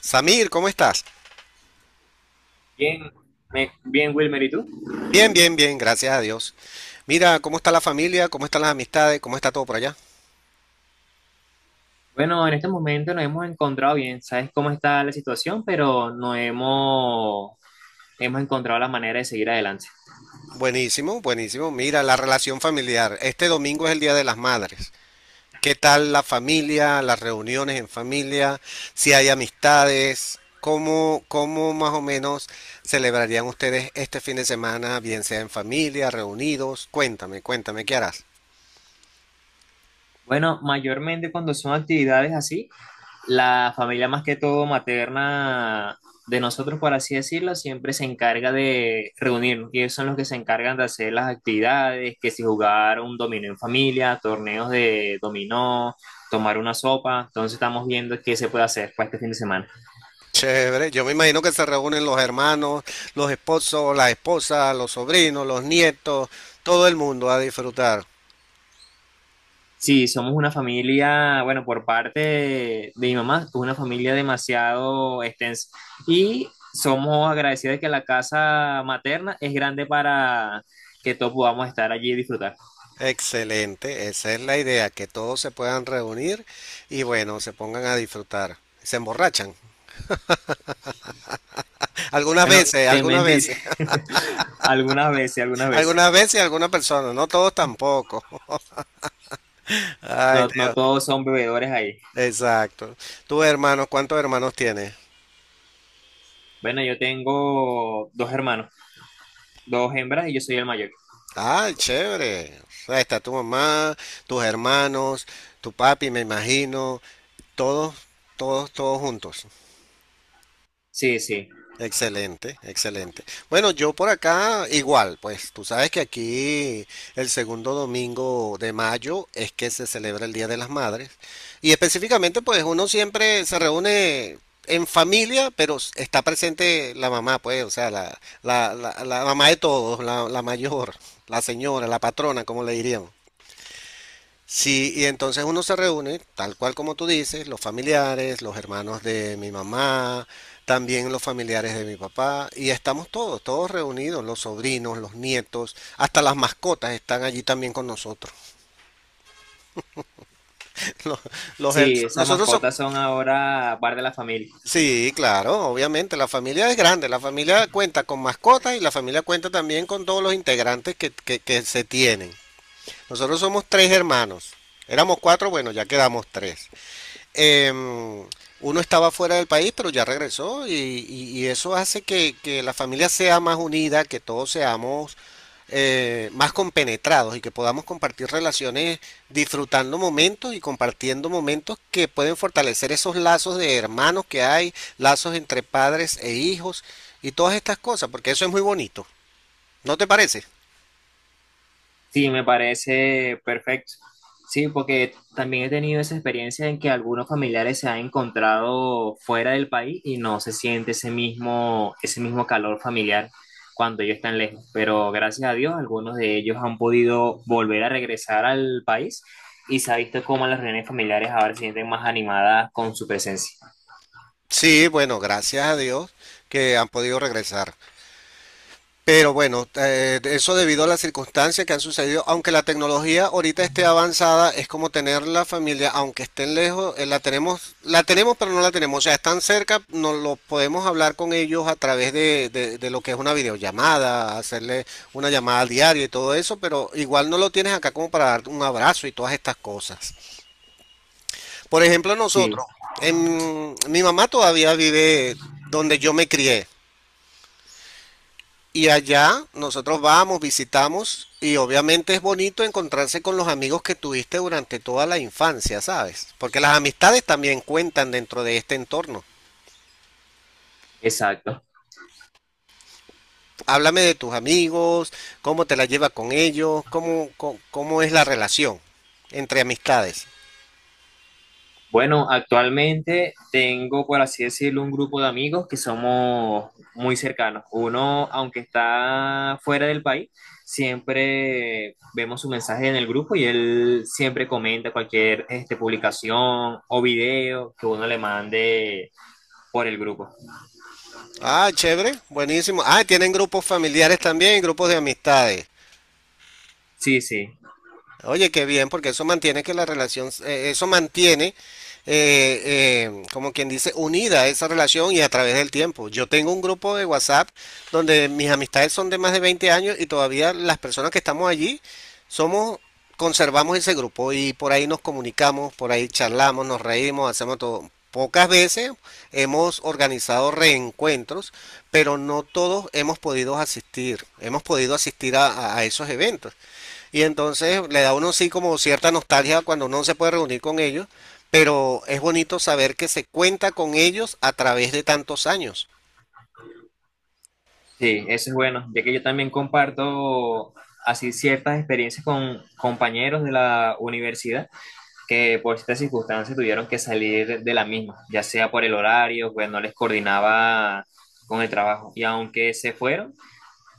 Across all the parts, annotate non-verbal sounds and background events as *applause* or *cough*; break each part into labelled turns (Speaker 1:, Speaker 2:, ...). Speaker 1: Samir, ¿cómo estás?
Speaker 2: Bien, bien, Wilmer, ¿y tú?
Speaker 1: Bien, bien, bien, gracias a Dios. Mira, ¿cómo está la familia? ¿Cómo están las amistades? ¿Cómo está todo por allá?
Speaker 2: Bueno, en este momento nos hemos encontrado bien, sabes cómo está la situación, pero no hemos, hemos encontrado la manera de seguir adelante.
Speaker 1: Buenísimo, buenísimo. Mira, la relación familiar. Este domingo es el Día de las Madres. ¿Qué tal la familia, las reuniones en familia? Si hay amistades, ¿cómo más o menos celebrarían ustedes este fin de semana, bien sea en familia, reunidos? Cuéntame, cuéntame, ¿qué harás?
Speaker 2: Bueno, mayormente cuando son actividades así, la familia más que todo materna de nosotros, por así decirlo, siempre se encarga de reunirnos y ellos son los que se encargan de hacer las actividades, que si jugar un dominó en familia, torneos de dominó, tomar una sopa, entonces estamos viendo qué se puede hacer para este fin de semana.
Speaker 1: Chévere, yo me imagino que se reúnen los hermanos, los esposos, las esposas, los sobrinos, los nietos, todo el mundo a disfrutar.
Speaker 2: Sí, somos una familia, bueno, por parte de mi mamá, es una familia demasiado extensa. Y somos agradecidos de que la casa materna es grande para que todos podamos estar allí y disfrutar.
Speaker 1: Excelente, esa es la idea, que todos se puedan reunir y bueno, se pongan a disfrutar. Se emborrachan. Algunas
Speaker 2: Bueno,
Speaker 1: veces,
Speaker 2: te
Speaker 1: algunas
Speaker 2: mentiré,
Speaker 1: veces. *laughs*
Speaker 2: *laughs* algunas veces, algunas veces.
Speaker 1: Algunas veces algunas personas, no todos tampoco. *laughs* Ay,
Speaker 2: No, no
Speaker 1: Dios,
Speaker 2: todos son bebedores ahí.
Speaker 1: exacto. Tus hermanos, ¿cuántos hermanos tienes?
Speaker 2: Bueno, yo tengo dos hermanos, dos hembras y yo soy el mayor.
Speaker 1: Ay, chévere. O sea, está tu mamá, tus hermanos, tu papi, me imagino. Todos, todos, todos juntos.
Speaker 2: Sí, sí.
Speaker 1: Excelente, excelente. Bueno, yo por acá igual, pues tú sabes que aquí el segundo domingo de mayo es que se celebra el Día de las Madres y específicamente pues uno siempre se reúne en familia, pero está presente la mamá, pues, o sea, la mamá de todos, la mayor, la señora, la patrona, como le diríamos. Sí, y entonces uno se reúne, tal cual como tú dices, los familiares, los hermanos de mi mamá, también los familiares de mi papá, y estamos todos, todos reunidos, los sobrinos, los nietos, hasta las mascotas están allí también con nosotros. *laughs* Los, los her-
Speaker 2: Sí, esas
Speaker 1: nosotros somos,
Speaker 2: mascotas son ahora parte de la familia.
Speaker 1: sí, claro, obviamente, la familia es grande, la familia cuenta con mascotas y la familia cuenta también con todos los integrantes que se tienen. Nosotros somos tres hermanos, éramos cuatro, bueno, ya quedamos tres. em, Uno estaba fuera del país, pero ya regresó y eso hace que la familia sea más unida, que todos seamos más compenetrados y que podamos compartir relaciones disfrutando momentos y compartiendo momentos que pueden fortalecer esos lazos de hermanos que hay, lazos entre padres e hijos y todas estas cosas, porque eso es muy bonito. ¿No te parece?
Speaker 2: Sí, me parece perfecto. Sí, porque también he tenido esa experiencia en que algunos familiares se han encontrado fuera del país y no se siente ese mismo calor familiar cuando ellos están lejos. Pero gracias a Dios, algunos de ellos han podido volver a regresar al país y se ha visto cómo las reuniones familiares ahora se sienten más animadas con su presencia.
Speaker 1: Sí, bueno, gracias a Dios que han podido regresar. Pero bueno, eso debido a las circunstancias que han sucedido, aunque la tecnología ahorita esté avanzada, es como tener la familia, aunque estén lejos. La tenemos, la tenemos, pero no la tenemos. O sea, están cerca, nos lo podemos hablar con ellos a través de lo que es una videollamada, hacerle una llamada diaria y todo eso, pero igual no lo tienes acá como para darte un abrazo y todas estas cosas. Por ejemplo,
Speaker 2: Sí,
Speaker 1: nosotros, mi mamá todavía vive donde yo me crié. Y allá nosotros vamos, visitamos y obviamente es bonito encontrarse con los amigos que tuviste durante toda la infancia, ¿sabes? Porque las amistades también cuentan dentro de este entorno.
Speaker 2: exacto.
Speaker 1: Háblame de tus amigos, cómo te la llevas con ellos, cómo es la relación entre amistades.
Speaker 2: Bueno, actualmente tengo, por así decirlo, un grupo de amigos que somos muy cercanos. Uno, aunque está fuera del país, siempre vemos su mensaje en el grupo y él siempre comenta cualquier este, publicación o video que uno le mande por el grupo.
Speaker 1: Ah, chévere, buenísimo. Ah, tienen grupos familiares también, grupos de amistades.
Speaker 2: Sí, sí,
Speaker 1: Oye, qué bien, porque eso mantiene que la relación, eso mantiene, como quien dice, unida esa relación y a través del tiempo. Yo tengo un grupo de WhatsApp donde mis amistades son de más de 20 años y todavía las personas que estamos allí somos, conservamos ese grupo y por ahí nos comunicamos, por ahí charlamos, nos reímos, hacemos todo. Pocas veces hemos organizado reencuentros, pero no todos hemos podido asistir a esos eventos. Y entonces le da a uno sí como cierta nostalgia cuando uno se puede reunir con ellos, pero es bonito saber que se cuenta con ellos a través de tantos años.
Speaker 2: sí, eso es bueno, ya que yo también comparto así ciertas experiencias con compañeros de la universidad que por ciertas circunstancias tuvieron que salir de la misma, ya sea por el horario, pues no les coordinaba con el trabajo. Y aunque se fueron,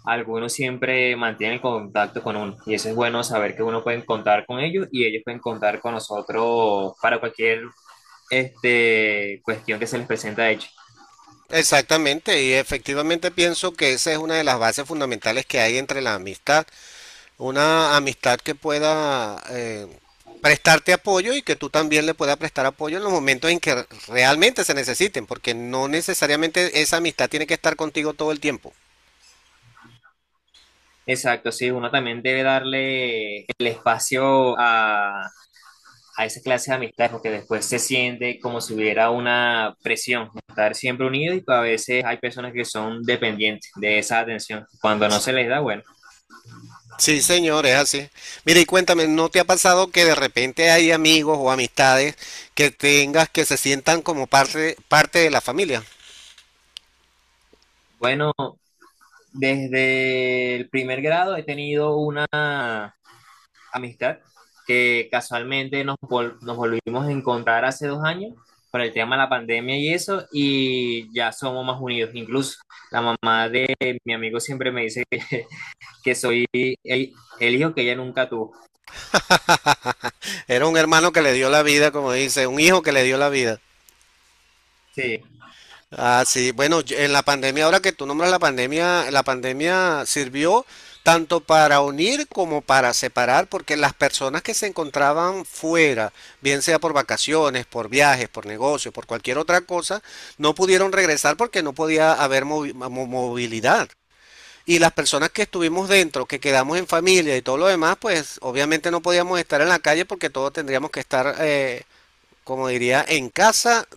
Speaker 2: algunos siempre mantienen el contacto con uno. Y eso es bueno saber que uno puede contar con ellos y ellos pueden contar con nosotros para cualquier este, cuestión que se les presenta de hecho.
Speaker 1: Exactamente, y efectivamente pienso que esa es una de las bases fundamentales que hay entre la amistad, una amistad que pueda prestarte apoyo y que tú también le puedas prestar apoyo en los momentos en que realmente se necesiten, porque no necesariamente esa amistad tiene que estar contigo todo el tiempo.
Speaker 2: Exacto, sí, uno también debe darle el espacio a esa clase de amistades porque después se siente como si hubiera una presión, estar siempre unidos y a veces hay personas que son dependientes de esa atención. Cuando no se les da, bueno.
Speaker 1: Sí, señor, es así. Mira, y cuéntame, ¿no te ha pasado que de repente hay amigos o amistades que tengas que se sientan como parte de la familia?
Speaker 2: Bueno, desde el primer grado he tenido una amistad que casualmente nos volvimos a encontrar hace 2 años por el tema de la pandemia y eso, y ya somos más unidos. Incluso la mamá de mi amigo siempre me dice *laughs* que soy el, hijo que ella nunca tuvo.
Speaker 1: Era un hermano que le dio la vida, como dice, un hijo que le dio la vida.
Speaker 2: Sí,
Speaker 1: Ah, sí, bueno, en la pandemia, ahora que tú nombras la pandemia sirvió tanto para unir como para separar, porque las personas que se encontraban fuera, bien sea por vacaciones, por viajes, por negocio, por cualquier otra cosa, no pudieron regresar porque no podía haber movilidad. Y las personas que estuvimos dentro, que quedamos en familia y todo lo demás, pues obviamente no podíamos estar en la calle porque todos tendríamos que estar, como diría, en casa,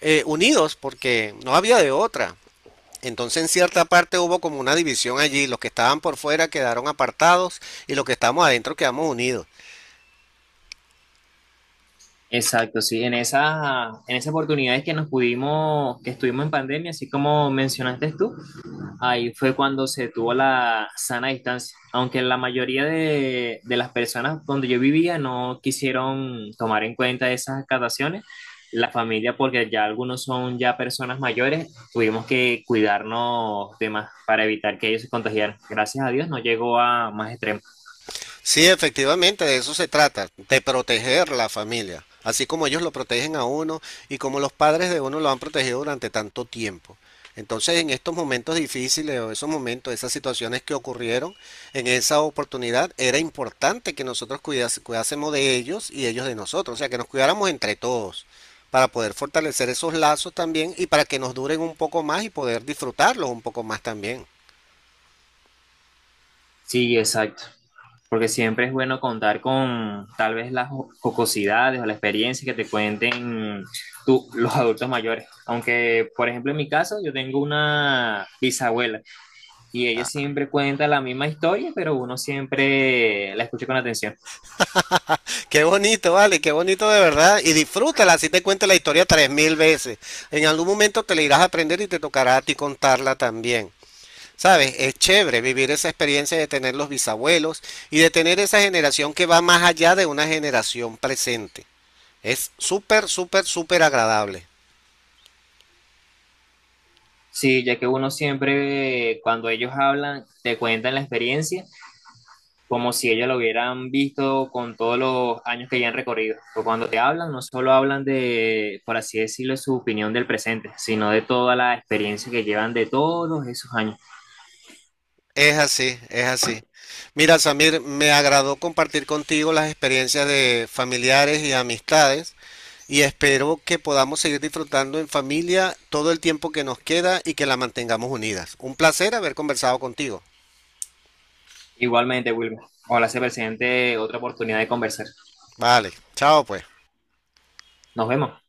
Speaker 1: unidos porque no había de otra. Entonces en cierta parte hubo como una división allí, los que estaban por fuera quedaron apartados y los que estamos adentro quedamos unidos.
Speaker 2: exacto, sí, en esas oportunidades que que estuvimos en pandemia, así como mencionaste tú, ahí fue cuando se tuvo la sana distancia, aunque la mayoría de las personas donde yo vivía no quisieron tomar en cuenta esas acataciones, la familia, porque ya algunos son ya personas mayores, tuvimos que cuidarnos de más para evitar que ellos se contagiaran. Gracias a Dios no llegó a más extremos.
Speaker 1: Sí, efectivamente, de eso se trata, de proteger la familia, así como ellos lo protegen a uno y como los padres de uno lo han protegido durante tanto tiempo. Entonces, en estos momentos difíciles o esos momentos, esas situaciones que ocurrieron en esa oportunidad, era importante que nosotros cuidásemos de ellos y ellos de nosotros, o sea, que nos cuidáramos entre todos para poder fortalecer esos lazos también y para que nos duren un poco más y poder disfrutarlos un poco más también.
Speaker 2: Sí, exacto. Porque siempre es bueno contar con tal vez las jocosidades o la experiencia que te cuenten tú, los adultos mayores. Aunque, por ejemplo, en mi caso, yo tengo una bisabuela y ella siempre cuenta la misma historia, pero uno siempre la escucha con atención.
Speaker 1: Qué bonito, vale, qué bonito de verdad. Y disfrútala, así te cuento la historia 3.000 veces. En algún momento te la irás a aprender y te tocará a ti contarla también. ¿Sabes? Es chévere vivir esa experiencia de tener los bisabuelos y de tener esa generación que va más allá de una generación presente. Es súper, súper, súper agradable.
Speaker 2: Sí, ya que uno siempre, cuando ellos hablan, te cuentan la experiencia como si ellos lo hubieran visto con todos los años que ya han recorrido. Porque cuando te hablan, no solo hablan de, por así decirlo, su opinión del presente, sino de toda la experiencia que llevan de todos esos años.
Speaker 1: Es así, es así. Mira, Samir, me agradó compartir contigo las experiencias de familiares y amistades. Y espero que podamos seguir disfrutando en familia todo el tiempo que nos queda y que la mantengamos unidas. Un placer haber conversado contigo.
Speaker 2: Igualmente, Wilmer, ojalá se presente otra oportunidad de conversar.
Speaker 1: Vale, chao pues.
Speaker 2: Nos vemos.